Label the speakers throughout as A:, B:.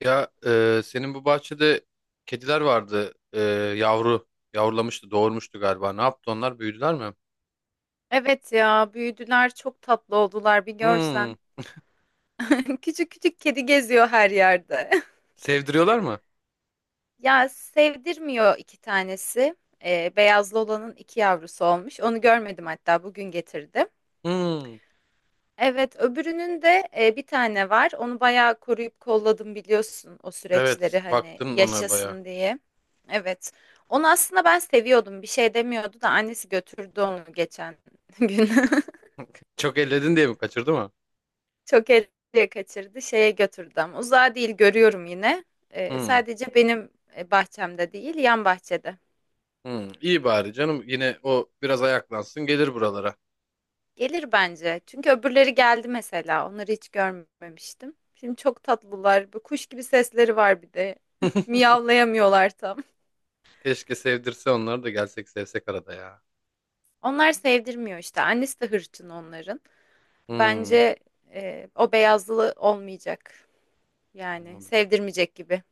A: Ya senin bu bahçede kediler vardı. Yavru yavrulamıştı, doğurmuştu galiba. Ne yaptı onlar? Büyüdüler mi?
B: Evet ya, büyüdüler, çok tatlı oldular, bir
A: Hmm.
B: görsen. Küçük küçük kedi geziyor her yerde.
A: Sevdiriyorlar mı?
B: Ya sevdirmiyor iki tanesi. Beyazlı olanın iki yavrusu olmuş. Onu görmedim, hatta bugün getirdim.
A: Hmm.
B: Evet, öbürünün de bir tane var. Onu bayağı koruyup kolladım, biliyorsun o
A: Evet,
B: süreçleri, hani
A: baktın ona baya.
B: yaşasın diye. Evet. Onu aslında ben seviyordum. Bir şey demiyordu da annesi götürdü onu geçen gün.
A: Çok elledin diye mi kaçırdı mı?
B: Çok ele kaçırdı. Şeye götürdü ama uzağa değil, görüyorum yine.
A: Hmm.
B: Sadece benim bahçemde değil, yan bahçede.
A: Hmm. İyi bari canım. Yine o biraz ayaklansın, gelir buralara.
B: Gelir bence. Çünkü öbürleri geldi mesela. Onları hiç görmemiştim. Şimdi çok tatlılar. Bu kuş gibi sesleri var bir de. Miyavlayamıyorlar tam.
A: Keşke sevdirse onları da gelsek sevsek arada ya.
B: Onlar sevdirmiyor işte. Annesi de hırçın onların.
A: Hmm.
B: Bence o beyazlı olmayacak. Yani
A: Anladım.
B: sevdirmeyecek gibi.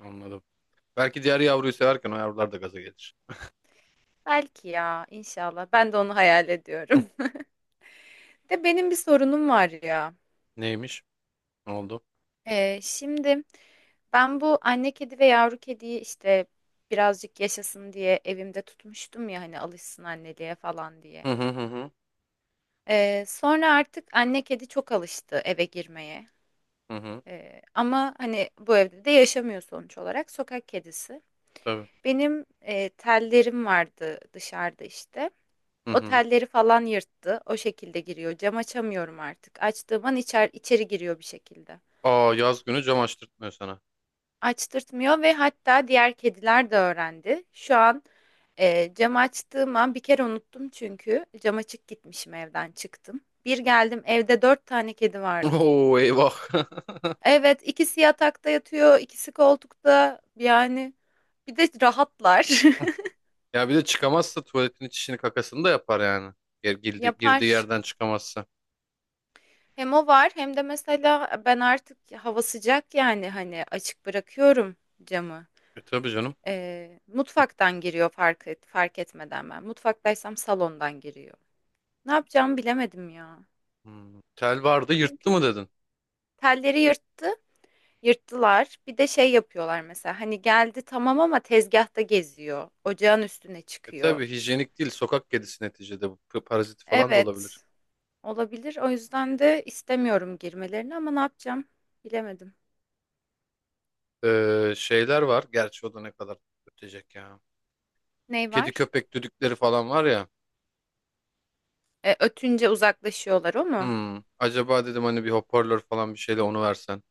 A: Anladım. Belki diğer yavruyu severken o yavrular da gaza gelir.
B: Belki ya, inşallah. Ben de onu hayal ediyorum. De benim bir sorunum var ya.
A: Neymiş? Ne oldu?
B: Şimdi ben bu anne kedi ve yavru kediyi işte birazcık yaşasın diye evimde tutmuştum ya, hani alışsın anneliğe falan diye.
A: Hı hı hı hı.
B: Sonra artık anne kedi çok alıştı eve girmeye.
A: Hı hı.
B: Ama hani bu evde de yaşamıyor sonuç olarak, sokak kedisi.
A: Tabii.
B: Benim tellerim vardı dışarıda işte.
A: Hı
B: O
A: hı.
B: telleri falan yırttı. O şekilde giriyor. Cam açamıyorum artık. Açtığım an içeri giriyor bir şekilde.
A: Aa yaz günü cam açtırtmıyor sana.
B: Açtırtmıyor, ve hatta diğer kediler de öğrendi. Şu an cam açtığım an bir kere unuttum, çünkü cam açık gitmişim, evden çıktım. Bir geldim, evde dört tane kedi vardı.
A: Oo eyvah.
B: Evet, ikisi yatakta yatıyor, ikisi koltukta, yani bir de rahatlar.
A: Ya bir de çıkamazsa tuvaletin içini kakasını da yapar yani. Girdi, girdiği
B: Yapar.
A: yerden çıkamazsa.
B: Hem o var hem de mesela ben artık hava sıcak yani hani açık bırakıyorum camı.
A: E tabii canım.
B: Mutfaktan giriyor fark etmeden ben. Mutfaktaysam salondan giriyor. Ne yapacağımı bilemedim ya.
A: Hmm. Tel vardı yırttı mı
B: Çünkü
A: dedin?
B: telleri yırttılar. Bir de şey yapıyorlar mesela. Hani geldi tamam, ama tezgahta geziyor. Ocağın üstüne
A: E
B: çıkıyor.
A: tabii hijyenik değil sokak kedisi neticede bu parazit falan da olabilir.
B: Evet, olabilir. O yüzden de istemiyorum girmelerini, ama ne yapacağım bilemedim.
A: Şeyler var gerçi o da ne kadar ötecek ya.
B: Ney
A: Kedi
B: var?
A: köpek düdükleri falan var ya.
B: Ötünce uzaklaşıyorlar, o mu?
A: Hmm. Acaba dedim hani bir hoparlör falan bir şeyle onu versen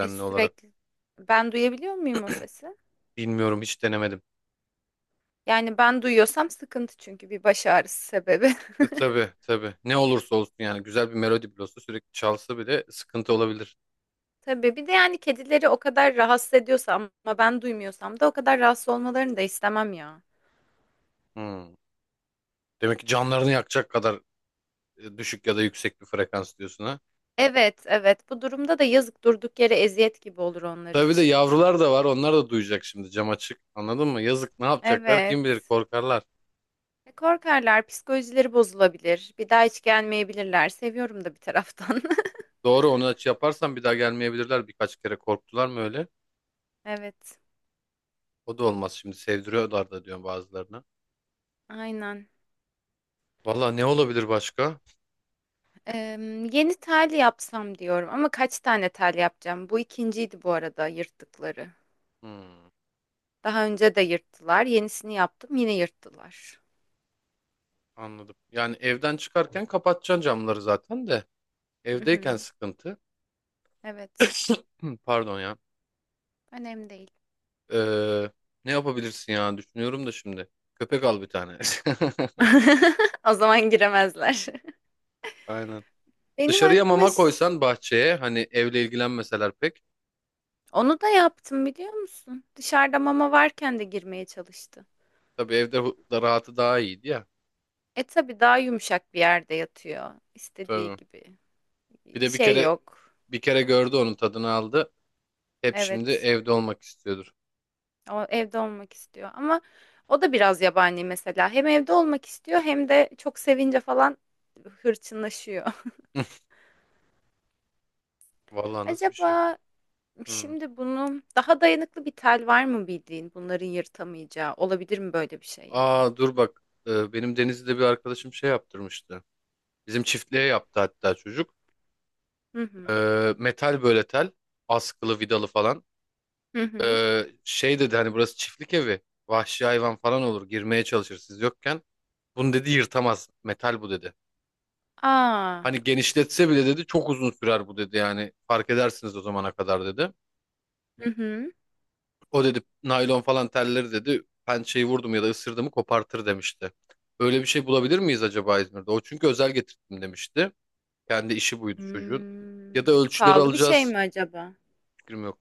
A: olarak.
B: Sürekli. Ben duyabiliyor muyum o sesi?
A: Bilmiyorum hiç denemedim.
B: Yani ben duyuyorsam sıkıntı, çünkü bir baş ağrısı sebebi.
A: Tabii tabii. Ne olursa olsun yani güzel bir melodi bile olsa sürekli çalsa bile sıkıntı olabilir.
B: Tabii, bir de yani kedileri o kadar rahatsız ediyorsa ama ben duymuyorsam da o kadar rahatsız olmalarını da istemem ya.
A: Hmm. Demek ki canlarını yakacak kadar düşük ya da yüksek bir frekans diyorsun ha.
B: Evet, evet. Bu durumda da yazık, durduk yere eziyet gibi olur onlar
A: Tabii de
B: için.
A: yavrular da var. Onlar da duyacak şimdi cam açık. Anladın mı? Yazık ne yapacaklar
B: Evet.
A: kim bilir korkarlar.
B: Korkarlar, psikolojileri bozulabilir. Bir daha hiç gelmeyebilirler. Seviyorum da bir taraftan.
A: Doğru onu aç yaparsan bir daha gelmeyebilirler. Birkaç kere korktular mı öyle?
B: Evet,
A: O da olmaz şimdi sevdiriyorlar da diyor bazılarına.
B: aynen.
A: Valla ne olabilir başka?
B: Yeni tel yapsam diyorum ama kaç tane tel yapacağım? Bu ikinciydi bu arada, yırttıkları.
A: Hmm,
B: Daha önce de yırttılar. Yenisini yaptım, yine yırttılar.
A: anladım. Yani evden çıkarken kapatacaksın camları zaten de.
B: Hı
A: Evdeyken
B: hı.
A: sıkıntı.
B: Evet,
A: Pardon ya.
B: önemli değil.
A: Ee, ne yapabilirsin ya? Düşünüyorum da şimdi. Köpek al bir tane.
B: O zaman giremezler.
A: Aynen.
B: Benim
A: Dışarıya
B: aklıma
A: mama
B: ş-
A: koysan bahçeye hani evle ilgilenmeseler pek.
B: Onu da yaptım, biliyor musun? Dışarıda mama varken de girmeye çalıştı.
A: Tabii evde da rahatı daha iyiydi ya.
B: E tabii, daha yumuşak bir yerde yatıyor. İstediği
A: Tabii.
B: gibi.
A: Bir de bir
B: Şey
A: kere
B: yok.
A: bir kere gördü onun tadını aldı. Hep şimdi
B: Evet.
A: evde olmak istiyordur.
B: O evde olmak istiyor ama o da biraz yabani mesela. Hem evde olmak istiyor hem de çok sevince falan hırçınlaşıyor.
A: Vallahi nasıl bir şey bu?
B: Acaba
A: Hmm.
B: şimdi bunu, daha dayanıklı bir tel var mı bildiğin, bunların yırtamayacağı? Olabilir mi böyle bir şey, ya da?
A: Aa dur bak. Benim Denizli'de bir arkadaşım şey yaptırmıştı. Bizim çiftliğe yaptı hatta çocuk.
B: Hı hı.
A: Metal böyle tel. Askılı vidalı falan.
B: Hı hı.
A: Şey dedi hani burası çiftlik evi. Vahşi hayvan falan olur. Girmeye çalışır siz yokken. Bunu dedi yırtamaz. Metal bu dedi.
B: Aa.
A: Hani genişletse bile dedi çok uzun sürer bu dedi yani. Fark edersiniz o zamana kadar dedi.
B: Hı hı.
A: O dedi naylon falan telleri dedi pençeyi vurdum ya da ısırdım kopartır demişti. Öyle bir şey bulabilir miyiz acaba İzmir'de? O çünkü özel getirdim demişti. Kendi işi buydu çocuğun. Ya da
B: Hmm.
A: ölçüleri
B: Pahalı bir şey
A: alacağız.
B: mi acaba?
A: Fikrim yok.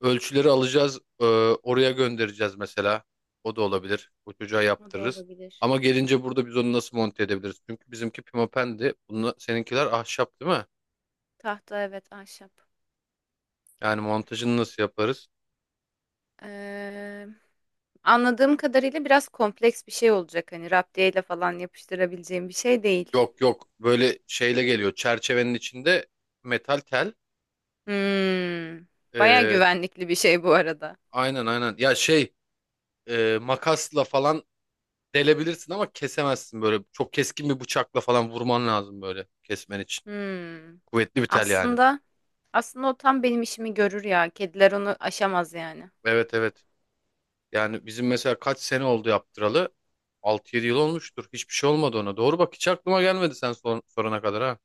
A: Ölçüleri alacağız, oraya göndereceğiz mesela. O da olabilir. O çocuğa
B: O da
A: yaptırırız. Ama
B: olabilir.
A: gelince burada biz onu nasıl monte edebiliriz? Çünkü bizimki pimapendi. Bunla, seninkiler ahşap değil mi?
B: Tahta, evet, ahşap.
A: Yani montajını nasıl yaparız?
B: Ee, Anladığım kadarıyla biraz kompleks bir şey olacak. Hani raptiyeyle falan yapıştırabileceğim bir şey değil.
A: Yok yok. Böyle şeyle geliyor. Çerçevenin içinde metal tel.
B: Hmm. Baya
A: E,
B: güvenlikli bir şey bu arada.
A: aynen aynen. Ya şey makasla falan delebilirsin ama kesemezsin böyle. Çok keskin bir bıçakla falan vurman lazım böyle kesmen için.
B: Hmm.
A: Kuvvetli bir tel yani.
B: Aslında aslında o tam benim işimi görür ya. Kediler onu aşamaz yani.
A: Evet evet. Yani bizim mesela kaç sene oldu yaptıralı? 6-7 yıl olmuştur. Hiçbir şey olmadı ona. Doğru bak hiç aklıma gelmedi sen sorana kadar ha.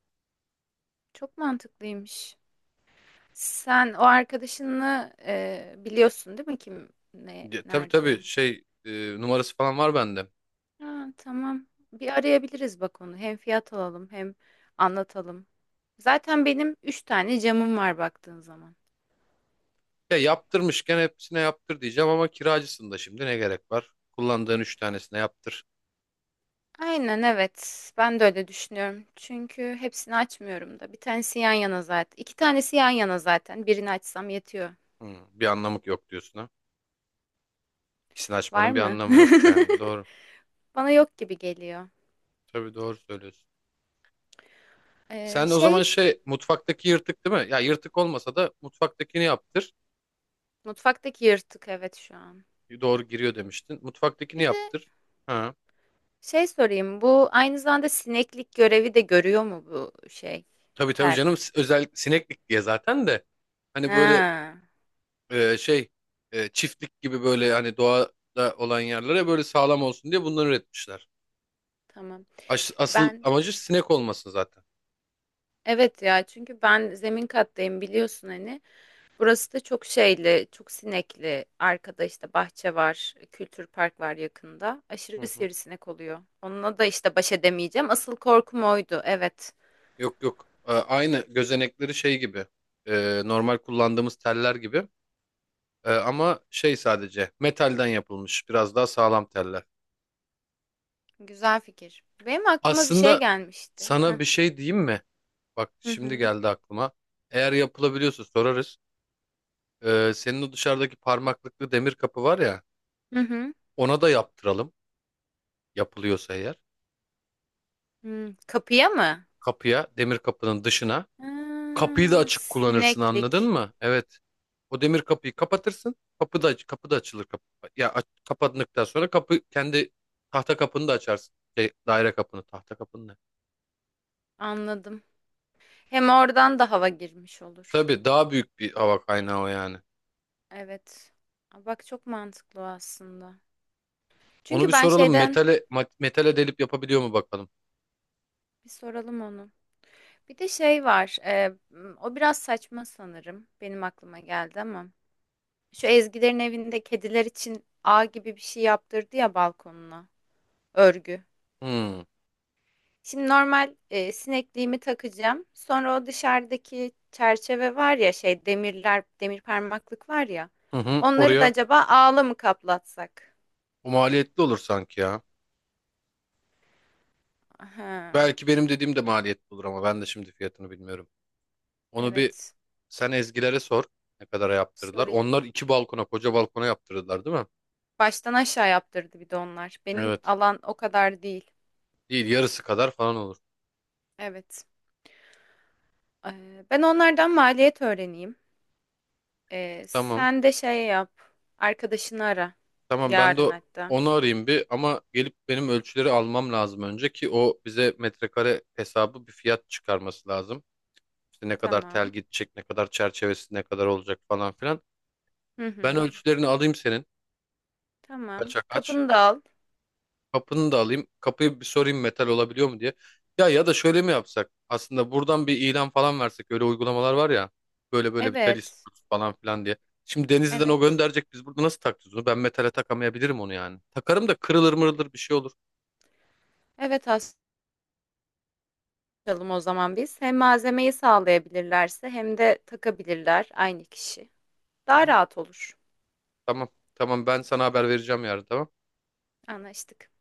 B: Çok mantıklıymış. Sen o arkadaşını biliyorsun değil mi, kim ne
A: Ya, tabii
B: nerede?
A: tabii şey numarası falan var bende.
B: Ha, tamam. Bir arayabiliriz bak onu. Hem fiyat alalım hem anlatalım. Zaten benim üç tane camım var baktığın zaman.
A: Ya yaptırmışken hepsine yaptır diyeceğim ama kiracısın da şimdi ne gerek var? Kullandığın 3 tanesine yaptır.
B: Aynen, evet. Ben de öyle düşünüyorum. Çünkü hepsini açmıyorum da. Bir tanesi yan yana zaten. İki tanesi yan yana zaten. Birini açsam yetiyor.
A: Hmm, bir anlamı yok diyorsun ha. İkisini
B: Var
A: açmanın bir
B: mı?
A: anlamı yok yani. Doğru.
B: Bana yok gibi geliyor.
A: Tabii doğru söylüyorsun. Sen o
B: Şey,
A: zaman şey mutfaktaki yırtık değil mi? Ya yırtık olmasa da mutfaktakini yaptır.
B: mutfaktaki yırtık, evet, şu an.
A: Doğru giriyor demiştin. Mutfaktakini
B: Bir de
A: yaptır. Ha.
B: şey sorayım, bu aynı zamanda sineklik görevi de görüyor mu, bu şey,
A: Tabii tabii
B: tel?
A: canım özel sineklik diye zaten de hani böyle
B: Ha,
A: şey çiftlik gibi böyle hani doğada olan yerlere böyle sağlam olsun diye bunları üretmişler.
B: tamam.
A: Asıl
B: Ben
A: amacı sinek olması zaten.
B: evet ya, çünkü ben zemin kattayım, biliyorsun hani. Burası da çok şeyli, çok sinekli. Arkada işte bahçe var, kültür park var yakında.
A: Hı
B: Aşırı
A: hı.
B: sivrisinek oluyor. Onunla da işte baş edemeyeceğim. Asıl korkum oydu. Evet.
A: Yok yok. Aynı gözenekleri şey gibi normal kullandığımız teller gibi. Ama şey sadece metalden yapılmış biraz daha sağlam teller.
B: Güzel fikir. Benim aklıma bir şey
A: Aslında
B: gelmişti.
A: sana
B: Hı
A: bir şey diyeyim mi? Bak şimdi
B: hı.
A: geldi aklıma. Eğer yapılabiliyorsa sorarız. Senin o dışarıdaki parmaklıklı demir kapı var ya,
B: Hı hı. Hı.
A: ona da yaptıralım. Yapılıyorsa eğer.
B: Hı. Kapıya mı?
A: Kapıya, demir kapının dışına.
B: Ha,
A: Kapıyı da açık kullanırsın anladın
B: sineklik.
A: mı? Evet. O demir kapıyı kapatırsın. Kapı da açılır. Kapı. Ya kapandıktan sonra kapı kendi tahta kapını da açarsın. Şey, daire kapını, tahta kapını da.
B: Anladım. Hem oradan da hava girmiş olur.
A: Tabii daha büyük bir hava kaynağı o yani.
B: Evet. Aa, bak çok mantıklı o aslında.
A: Onu
B: Çünkü
A: bir
B: ben
A: soralım.
B: şeyden
A: Metale, metale delip yapabiliyor mu bakalım.
B: Bir soralım onu. Bir de şey var. O biraz saçma sanırım. Benim aklıma geldi ama. Şu Ezgilerin evinde kediler için ağ gibi bir şey yaptırdı ya balkonuna. Örgü.
A: Hmm.
B: Şimdi normal sinekliğimi takacağım. Sonra o dışarıdaki çerçeve var ya, şey, demirler, demir parmaklık var ya.
A: Hı hı.
B: Onları da
A: Oraya
B: acaba ağla mı kaplatsak?
A: o maliyetli olur sanki ya.
B: Aha,
A: Belki benim dediğim de maliyet olur ama ben de şimdi fiyatını bilmiyorum. Onu bir
B: evet.
A: sen Ezgilere sor. Ne kadara yaptırdılar?
B: Sorayım.
A: Onlar iki balkona, koca balkona yaptırdılar değil mi?
B: Baştan aşağı yaptırdı bir de onlar. Benim
A: Evet.
B: alan o kadar değil.
A: Değil yarısı kadar falan olur.
B: Evet. Ben onlardan maliyet öğreneyim.
A: Tamam.
B: Sen de şey yap. Arkadaşını ara.
A: Tamam ben de
B: Yarın hatta.
A: onu arayayım bir ama gelip benim ölçüleri almam lazım önce ki o bize metrekare hesabı bir fiyat çıkarması lazım. İşte ne kadar tel
B: Tamam.
A: gidecek, ne kadar çerçevesi ne kadar olacak falan filan.
B: Hı
A: Ben
B: hı.
A: ölçülerini alayım senin.
B: Tamam.
A: Kaça kaç?
B: Kapını da al.
A: Kapını da alayım. Kapıyı bir sorayım metal olabiliyor mu diye. Ya ya da şöyle mi yapsak? Aslında buradan bir ilan falan versek. Öyle uygulamalar var ya. Böyle böyle bir tel
B: Evet.
A: istiyoruz falan filan diye. Şimdi Denizli'den o
B: Evet.
A: gönderecek. Biz burada nasıl takacağız onu? Ben metale takamayabilirim onu yani. Takarım da kırılır mırılır bir şey olur.
B: Evet, açalım o zaman biz. Hem malzemeyi sağlayabilirlerse hem de takabilirler aynı kişi.
A: Hı
B: Daha
A: hı.
B: rahat olur.
A: Tamam. Tamam ben sana haber vereceğim yarın tamam.
B: Anlaştık.